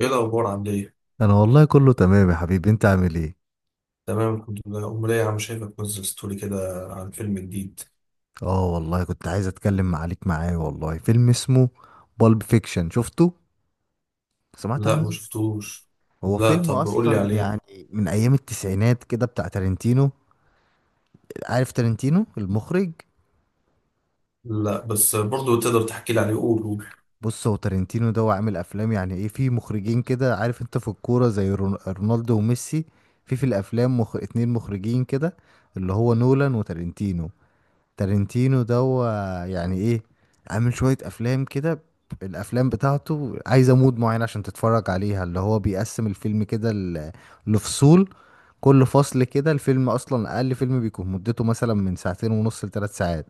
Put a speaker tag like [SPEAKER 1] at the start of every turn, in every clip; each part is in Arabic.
[SPEAKER 1] ايه الاخبار عامل ايه؟
[SPEAKER 2] انا والله كله تمام يا حبيبي، انت عامل ايه؟
[SPEAKER 1] تمام الحمد لله، امال ايه يا عم؟ شايفك منزل ستوري كده عن فيلم جديد.
[SPEAKER 2] اه والله كنت عايز اتكلم عليك. معايا والله فيلم اسمه بالب فيكشن، شفته؟ سمعت
[SPEAKER 1] لا، ما
[SPEAKER 2] عنه؟
[SPEAKER 1] شفتوش.
[SPEAKER 2] هو
[SPEAKER 1] لا
[SPEAKER 2] فيلم
[SPEAKER 1] طب قول لي
[SPEAKER 2] اصلا
[SPEAKER 1] عليه.
[SPEAKER 2] يعني من ايام التسعينات كده بتاع تارنتينو. عارف تارنتينو المخرج؟
[SPEAKER 1] لا بس برضو تقدر تحكي لي عليه، قول قول.
[SPEAKER 2] بص، هو تارنتينو ده هو عامل افلام، يعني ايه، في مخرجين كده، عارف انت في الكورة زي رونالدو وميسي، في الافلام اتنين مخرجين كده، اللي هو نولان وتارنتينو. تارنتينو ده هو يعني ايه، عامل شوية افلام كده. الافلام بتاعته عايزة مود معين عشان تتفرج عليها، اللي هو بيقسم الفيلم كده لفصول. كل فصل كده، الفيلم اصلا اقل فيلم بيكون مدته مثلا من ساعتين ونص لثلاث ساعات،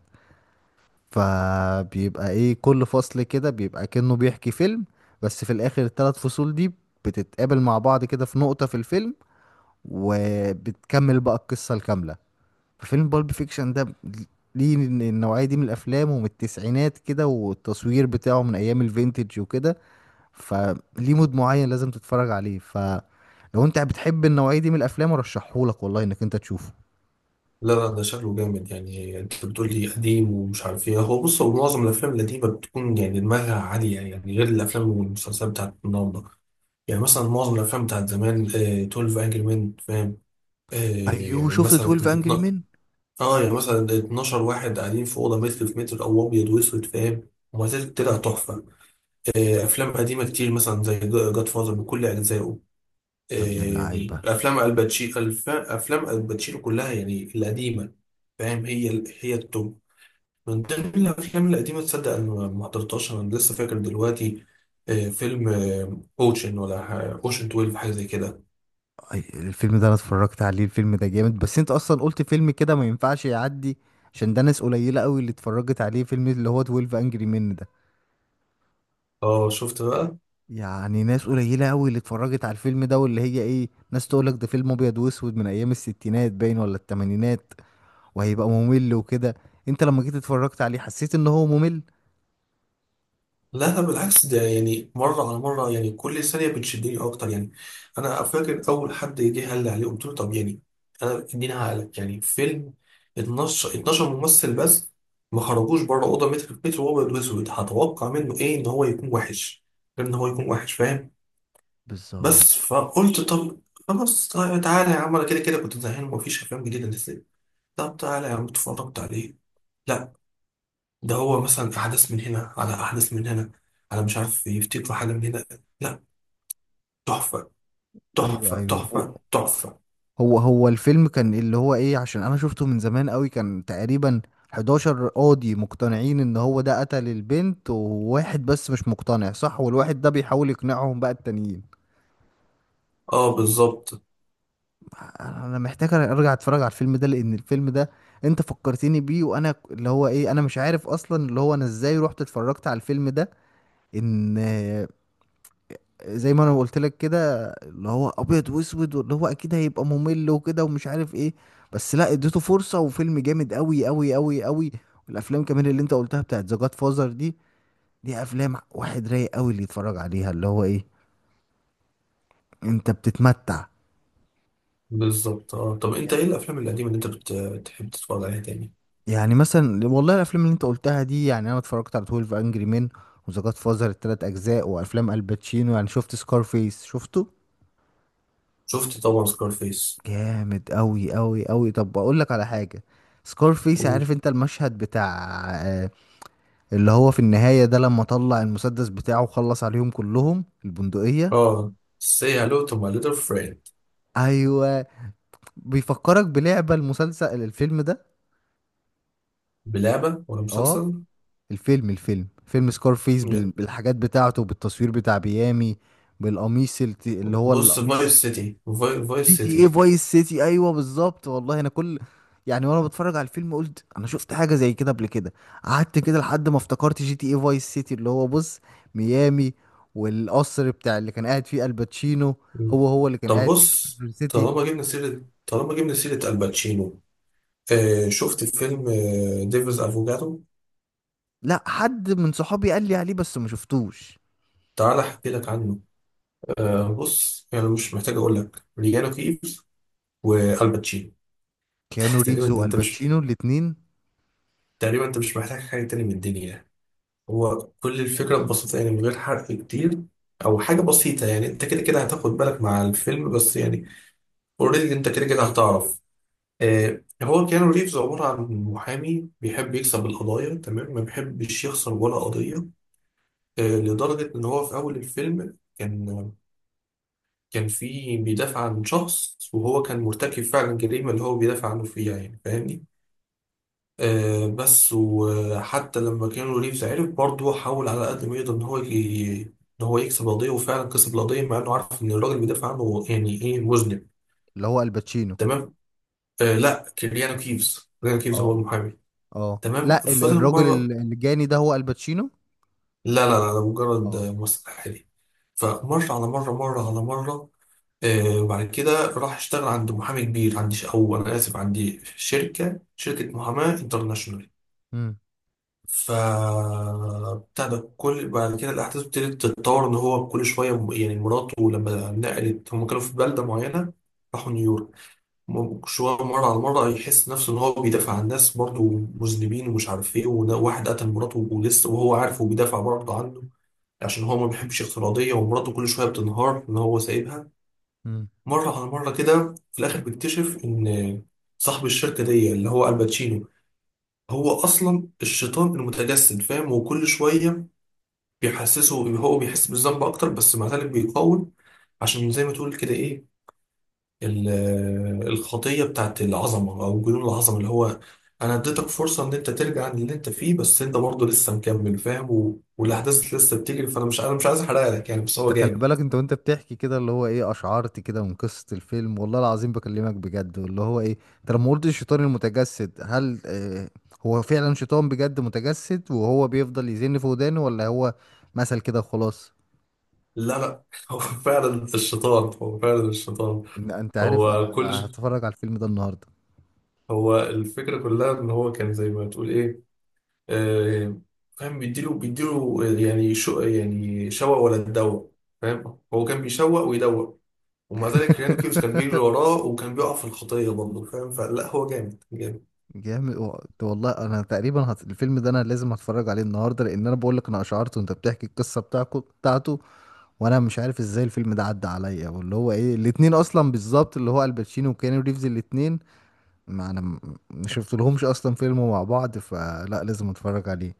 [SPEAKER 2] فبيبقى ايه، كل فصل كده بيبقى كأنه بيحكي فيلم، بس في الاخر الثلاث فصول دي بتتقابل مع بعض كده في نقطة في الفيلم، وبتكمل بقى القصة الكاملة. ففيلم بالب فيكشن ده ليه النوعية دي من الأفلام، ومن التسعينات كده، والتصوير بتاعه من أيام الفينتج وكده، فليه مود معين لازم تتفرج عليه. فلو أنت بتحب النوعية دي من الأفلام أرشحهولك، والله إنك أنت تشوفه.
[SPEAKER 1] لا لا، ده شكله جامد، يعني انت بتقول لي قديم ومش عارف ايه. هو بص، هو معظم الافلام القديمه بتكون يعني دماغها عاليه، يعني غير الافلام والمسلسلات بتاعت النهارده. يعني مثلا معظم الافلام بتاعت زمان، 12 انجري مان، فاهم؟
[SPEAKER 2] أيوه، شفت
[SPEAKER 1] مثلا.
[SPEAKER 2] 12 أنجري مين.
[SPEAKER 1] اه يعني مثلا 12 واحد قاعدين في اوضه متر في متر، او ابيض واسود، فاهم؟ وما زالت طلع تحفه. افلام قديمه كتير مثلا زي جاد فازر بكل اجزائه. آه،
[SPEAKER 2] يا ابن
[SPEAKER 1] يعني
[SPEAKER 2] اللعيبة.
[SPEAKER 1] افلام الباتشينو، افلام الباتشينو كلها يعني القديمه، فاهم؟ هي هي التوب. من ضمن الافلام القديمه، تصدق انا ما حضرتهاش، انا لسه فاكر دلوقتي، فيلم اوشن، ولا اوشن 12، حاجه زي كده.
[SPEAKER 2] الفيلم ده أنا اتفرجت عليه، الفيلم ده جامد، بس أنت أصلا قلت فيلم كده ما ينفعش يعدي، عشان ده ناس قليلة قوي اللي اتفرجت عليه، فيلم اللي هو 12 أنجري مين.
[SPEAKER 1] اه شفت بقى.
[SPEAKER 2] يعني ناس قليلة أوي اللي اتفرجت على الفيلم ده، واللي هي إيه، ناس تقولك ده فيلم أبيض وأسود من أيام الستينات باين ولا التمانينات، وهيبقى ممل وكده. أنت لما جيت اتفرجت عليه حسيت إن هو ممل؟
[SPEAKER 1] لا لا، بالعكس، ده يعني مرة على مرة يعني كل ثانية بتشدني أكتر يعني. أنا فاكر أول حد جه قال لي عليه قلت له طب يعني أنا إديني، هقلك يعني فيلم 12، 12 ممثل بس، ما خرجوش بره أوضة متر في متر، وهو أبيض وأسود. هتوقع منه إيه؟ إن هو يكون وحش. غير إن هو يكون وحش، فاهم؟ بس
[SPEAKER 2] بالظبط.
[SPEAKER 1] فقلت طب خلاص، طيب تعالى يا عم، أنا كده كده كنت زهقان ومفيش أفلام جديدة نزلت. طب تعالى يا عم اتفرجت عليه. لا، ده هو مثلا في حدث من هنا، على أحدث من هنا، على مش عارف يفتكروا حاجة من هنا. لا، تحفة
[SPEAKER 2] أيوه،
[SPEAKER 1] تحفة
[SPEAKER 2] أيوه، هو
[SPEAKER 1] تحفة تحفة.
[SPEAKER 2] هو هو الفيلم كان اللي هو إيه، عشان أنا شفته من زمان أوي، كان تقريبا 11 قاضي مقتنعين إن هو ده قتل البنت، وواحد بس مش مقتنع، صح، والواحد ده بيحاول يقنعهم بقى التانيين.
[SPEAKER 1] اه بالظبط.
[SPEAKER 2] انا محتاج ارجع اتفرج على الفيلم ده، لان الفيلم ده انت فكرتني بيه، وانا اللي هو ايه، انا مش عارف اصلا اللي هو انا ازاي رحت اتفرجت على الفيلم ده، ان زي ما انا قلت لك كده، اللي هو ابيض واسود، واللي هو اكيد هيبقى ممل وكده ومش عارف ايه، بس لا، اديته فرصة وفيلم جامد قوي قوي قوي قوي. والافلام كمان اللي انت قلتها بتاعت ذا جاد فازر دي، دي افلام واحد رايق قوي اللي يتفرج عليها، اللي هو ايه، انت بتتمتع.
[SPEAKER 1] بالظبط. اه طب انت ايه الافلام القديمة اللي انت بتحب تتفرج عليها تاني؟
[SPEAKER 2] يعني مثلا والله الافلام اللي انت قلتها دي، يعني انا اتفرجت على 12 انجري مان، وذا جاد فازر التلات اجزاء، وافلام الباتشينو، يعني شفت سكارفيس، شفته
[SPEAKER 1] شفت طبعا سكارفيس.
[SPEAKER 2] جامد قوي قوي قوي. طب اقول لك على حاجه، سكارفيس، عارف انت المشهد بتاع آه، اللي هو في النهايه ده، لما طلع المسدس بتاعه وخلص عليهم كلهم، البندقيه.
[SPEAKER 1] اه، سي هالو تو ماي ليتل فريند.
[SPEAKER 2] ايوه. بيفكرك بلعبه، المسلسل، الفيلم ده.
[SPEAKER 1] بلعبة ولا
[SPEAKER 2] اه،
[SPEAKER 1] مسلسل؟
[SPEAKER 2] الفيلم فيلم سكارفيس
[SPEAKER 1] لا.
[SPEAKER 2] بالحاجات بتاعته، بالتصوير بتاع ميامي، بالقميص اللي هو
[SPEAKER 1] بص، فايس
[SPEAKER 2] القميص،
[SPEAKER 1] سيتي، فايس
[SPEAKER 2] جي تي اي
[SPEAKER 1] سيتي.
[SPEAKER 2] فايس سيتي، ايوه بالظبط. والله انا كل يعني وانا بتفرج على الفيلم قلت انا شفت حاجه زي كده قبل كده، قعدت كده لحد ما افتكرت جي تي اي فايس سيتي، اللي هو بص ميامي، والقصر بتاع اللي كان قاعد فيه الباتشينو
[SPEAKER 1] مم.
[SPEAKER 2] هو هو اللي كان
[SPEAKER 1] طب
[SPEAKER 2] قاعد فيه.
[SPEAKER 1] بص.
[SPEAKER 2] توم سيتي.
[SPEAKER 1] طالما جبنا سيرة، طالما جبنا سيرة الباتشينو، شفت فيلم، ديفيز افوكاتو.
[SPEAKER 2] لا، حد من صحابي قال لي عليه بس ما شفتوش.
[SPEAKER 1] تعال احكي لك عنه. بص، يعني مش محتاج اقول لك، ليجانو كيفز والباتشينو.
[SPEAKER 2] كيانو
[SPEAKER 1] تقريبا
[SPEAKER 2] ريفز
[SPEAKER 1] انت مش
[SPEAKER 2] والباتشينو الاتنين.
[SPEAKER 1] تقريبا انت مش محتاج حاجه تاني من الدنيا يعني. هو كل الفكره ببساطه، يعني من غير حرق كتير، او حاجه بسيطه، يعني انت كده كده هتاخد بالك مع الفيلم بس يعني، اوريدي انت كده كده هتعرف. هو كيانو ريفز عباره عن محامي بيحب يكسب القضايا تمام، ما بيحبش يخسر ولا قضيه. لدرجه ان هو في اول الفيلم كان، كان بيدافع عن شخص، وهو كان مرتكب فعلا جريمة اللي هو بيدافع عنه فيها، يعني فاهمني؟ بس، وحتى لما كانوا ريفز عرف برضه، حاول على قد ما يقدر ان هو ان هو يكسب القضية، وفعلا كسب القضية، مع انه عارف ان الراجل بيدافع عنه يعني ايه، مذنب.
[SPEAKER 2] اللي هو الباتشينو؟
[SPEAKER 1] تمام. لا، كيليانو كيفز، كيليانو كيفز هو
[SPEAKER 2] اه.
[SPEAKER 1] المحامي.
[SPEAKER 2] اه،
[SPEAKER 1] تمام،
[SPEAKER 2] لا
[SPEAKER 1] فضل
[SPEAKER 2] الراجل
[SPEAKER 1] مرة.
[SPEAKER 2] الجاني ده هو الباتشينو.
[SPEAKER 1] لا لا لا، ده مجرد
[SPEAKER 2] اه.
[SPEAKER 1] ممثل حالي. فمرة على مرة، مرة على مرة. وبعد كده راح اشتغل عند محامي كبير، عندي او انا اسف، عندي شركه محاماه انترناشونال.
[SPEAKER 2] امم.
[SPEAKER 1] ف بتاع ده، كل بعد كده الاحداث ابتدت تتطور، ان هو كل شويه يعني مراته لما نقلت، هم كانوا في بلده معينه، راحوا نيويورك. شويه، مره على مره يحس نفسه ان هو بيدافع عن ناس برضه مذنبين ومش عارف ايه، وده واحد قتل مراته ولسه، وهو عارف وبيدافع برضه عنه، عشان هو ما بيحبش الافتراضيه، ومراته كل شويه بتنهار ان هو سايبها.
[SPEAKER 2] امم.
[SPEAKER 1] مرة على مرة كده في الآخر بيكتشف إن صاحب الشركة دي اللي هو الباتشينو هو أصلا الشيطان المتجسد، فاهم؟ وكل شوية بيحسسه، هو بيحس بالذنب أكتر، بس مع ذلك بيقاوم، عشان زي ما تقول كده إيه، ال- الخطية بتاعت العظمة أو جنون العظمة، اللي هو أنا اديتك فرصة إن أنت ترجع عن اللي أنت فيه بس أنت برضه لسه مكمل، فاهم؟ والأحداث لسه بتجري، فأنا مش عايز أحرق لك يعني، بس هو
[SPEAKER 2] انت خلي
[SPEAKER 1] جامد.
[SPEAKER 2] بالك انت وانت بتحكي كده اللي هو ايه، اشعرت كده من قصة الفيلم، والله العظيم بكلمك بجد، واللي هو ايه، انت لما قلت الشيطان المتجسد، هل هو فعلا شيطان بجد متجسد، وهو بيفضل يزن في ودانه، ولا هو مثل كده خلاص؟
[SPEAKER 1] لا لا، هو فعلا الشيطان، هو فعلا الشيطان.
[SPEAKER 2] ان انت عارف انا
[SPEAKER 1] هو كل ش-
[SPEAKER 2] انا هتفرج على الفيلم ده النهارده.
[SPEAKER 1] هو الفكرة كلها ان هو كان زي ما تقول ايه، آه فاهم، بيديله بيديله، يعني يعني شوق ولا تدوق، فاهم؟ هو كان بيشوق ويدوق، ومع ذلك ريانو كيفز كان بيجري وراه وكان بيقع في الخطية برضه، فاهم؟ فلا، هو جامد جامد.
[SPEAKER 2] جامد، والله انا تقريبا الفيلم ده انا لازم هتفرج عليه النهارده، لان انا بقول لك انا اشعرت وانت بتحكي القصه بتاعكو بتاعته، وانا مش عارف ازاي الفيلم ده عدى عليا، واللي هو ايه الاتنين اصلا بالظبط، اللي هو الباتشينو وكيانو ريفز الاتنين، ما انا م- ما شفت لهمش اصلا فيلم مع بعض، فلا لازم اتفرج عليه،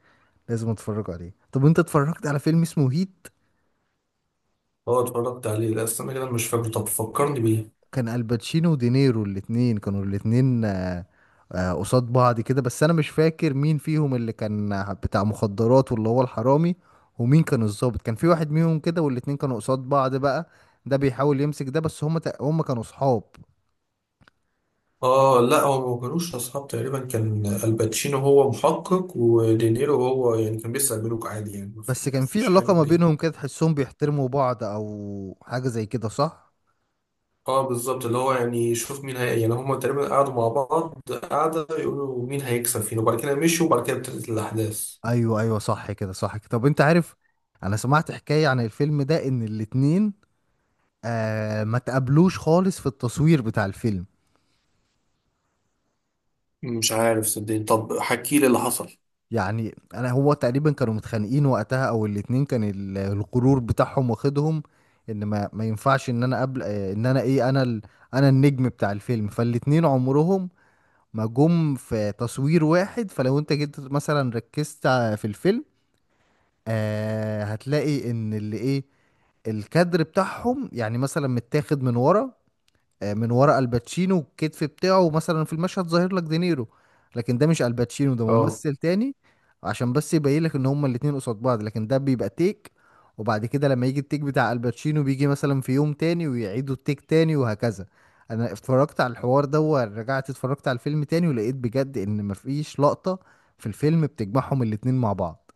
[SPEAKER 2] لازم اتفرج عليه. طب انت اتفرجت على فيلم اسمه هيت؟
[SPEAKER 1] اه اتفرجت عليه، لا استنى كده، أنا مش فاكره، طب فكرني بيه.
[SPEAKER 2] كان الباتشينو ودينيرو الاتنين، كانوا الاتنين قصاد بعض كده، بس انا مش فاكر مين فيهم اللي كان بتاع مخدرات واللي هو الحرامي، ومين كان الضابط، كان في واحد منهم كده، والاتنين كانوا قصاد بعض بقى، ده بيحاول يمسك ده، بس هما هما كانوا صحاب،
[SPEAKER 1] اه لا، هو ما كانوش اصحاب. تقريبا كان الباتشينو هو محقق، ودينيرو هو يعني كان بيسرق بنوك عادي يعني، ما في-
[SPEAKER 2] بس كان في
[SPEAKER 1] مفيش حاجة
[SPEAKER 2] علاقة ما
[SPEAKER 1] جديدة.
[SPEAKER 2] بينهم كده تحسهم بيحترموا بعض او حاجة زي كده، صح؟
[SPEAKER 1] اه بالظبط، اللي هو يعني شوف مين هي، يعني هما تقريبا قعدوا مع بعض قعدة يقولوا مين هيكسب فينا، وبعد كده مشوا، وبعد كده ابتدت الأحداث.
[SPEAKER 2] ايوه، ايوه، صح كده، صح كده. طب انت عارف، انا سمعت حكاية عن الفيلم ده، ان الاتنين آه ما تقابلوش خالص في التصوير بتاع الفيلم.
[SPEAKER 1] مش عارف صدقني، طب حكي لي اللي حصل.
[SPEAKER 2] يعني انا هو تقريبا كانوا متخانقين وقتها، او الاتنين كان الغرور بتاعهم واخدهم، ان ما ينفعش ان انا قبل ان انا ايه انا انا النجم بتاع الفيلم، فالاتنين عمرهم ما جم في تصوير واحد. فلو انت جيت مثلا ركزت في الفيلم، آه هتلاقي ان اللي ايه الكادر بتاعهم يعني مثلا متاخد من ورا، من ورا الباتشينو الكتف بتاعه مثلا، في المشهد ظاهر لك دينيرو، لكن ده مش الباتشينو، ده
[SPEAKER 1] اه
[SPEAKER 2] ممثل تاني عشان بس يبين لك ان هما الاتنين قصاد بعض، لكن ده بيبقى تيك، وبعد كده لما يجي التيك بتاع الباتشينو بيجي مثلا في يوم تاني، ويعيدوا التيك تاني وهكذا. انا اتفرجت على الحوار ده، ورجعت اتفرجت على الفيلم تاني، ولقيت بجد ان مفيش لقطة في الفيلم بتجمعهم الاتنين مع بعض.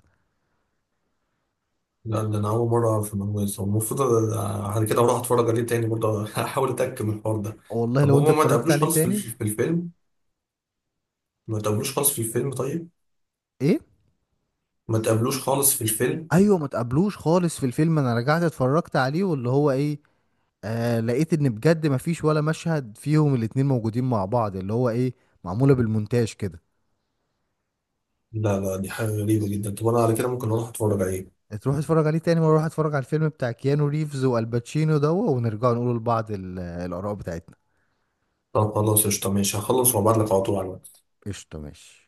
[SPEAKER 1] لا، ده أنا أول مرة أعرف المعلومة دي. المفروض بعد كده أروح أتفرج عليه تاني برضه أحاول أتأكد من الحوار ده.
[SPEAKER 2] والله
[SPEAKER 1] طب
[SPEAKER 2] لو انت
[SPEAKER 1] هما ما
[SPEAKER 2] اتفرجت
[SPEAKER 1] تقابلوش
[SPEAKER 2] عليه
[SPEAKER 1] خالص في
[SPEAKER 2] تاني.
[SPEAKER 1] في الفيلم؟ ما تقابلوش خالص في الفيلم، طيب.
[SPEAKER 2] ايه؟
[SPEAKER 1] ما تقابلوش خالص في الفيلم.
[SPEAKER 2] ايوه، ما تقابلوش خالص في الفيلم، انا رجعت اتفرجت عليه واللي هو ايه، آه لقيت ان بجد ما فيش ولا مشهد فيهم الاتنين موجودين مع بعض، اللي هو ايه، معمولة بالمونتاج كده.
[SPEAKER 1] لا لا، دي حاجة غريبة جدا، طب أنا على كده ممكن أروح أتفرج عليه.
[SPEAKER 2] تروح اتفرج عليه تاني مرة، روح اتفرج على الفيلم بتاع كيانو ريفز والباتشينو ده، ونرجع نقول لبعض الاراء بتاعتنا.
[SPEAKER 1] طب خلاص قشطة ماشي، هخلص وأبعتلك على طول على الواتس.
[SPEAKER 2] قشطة، ماشي.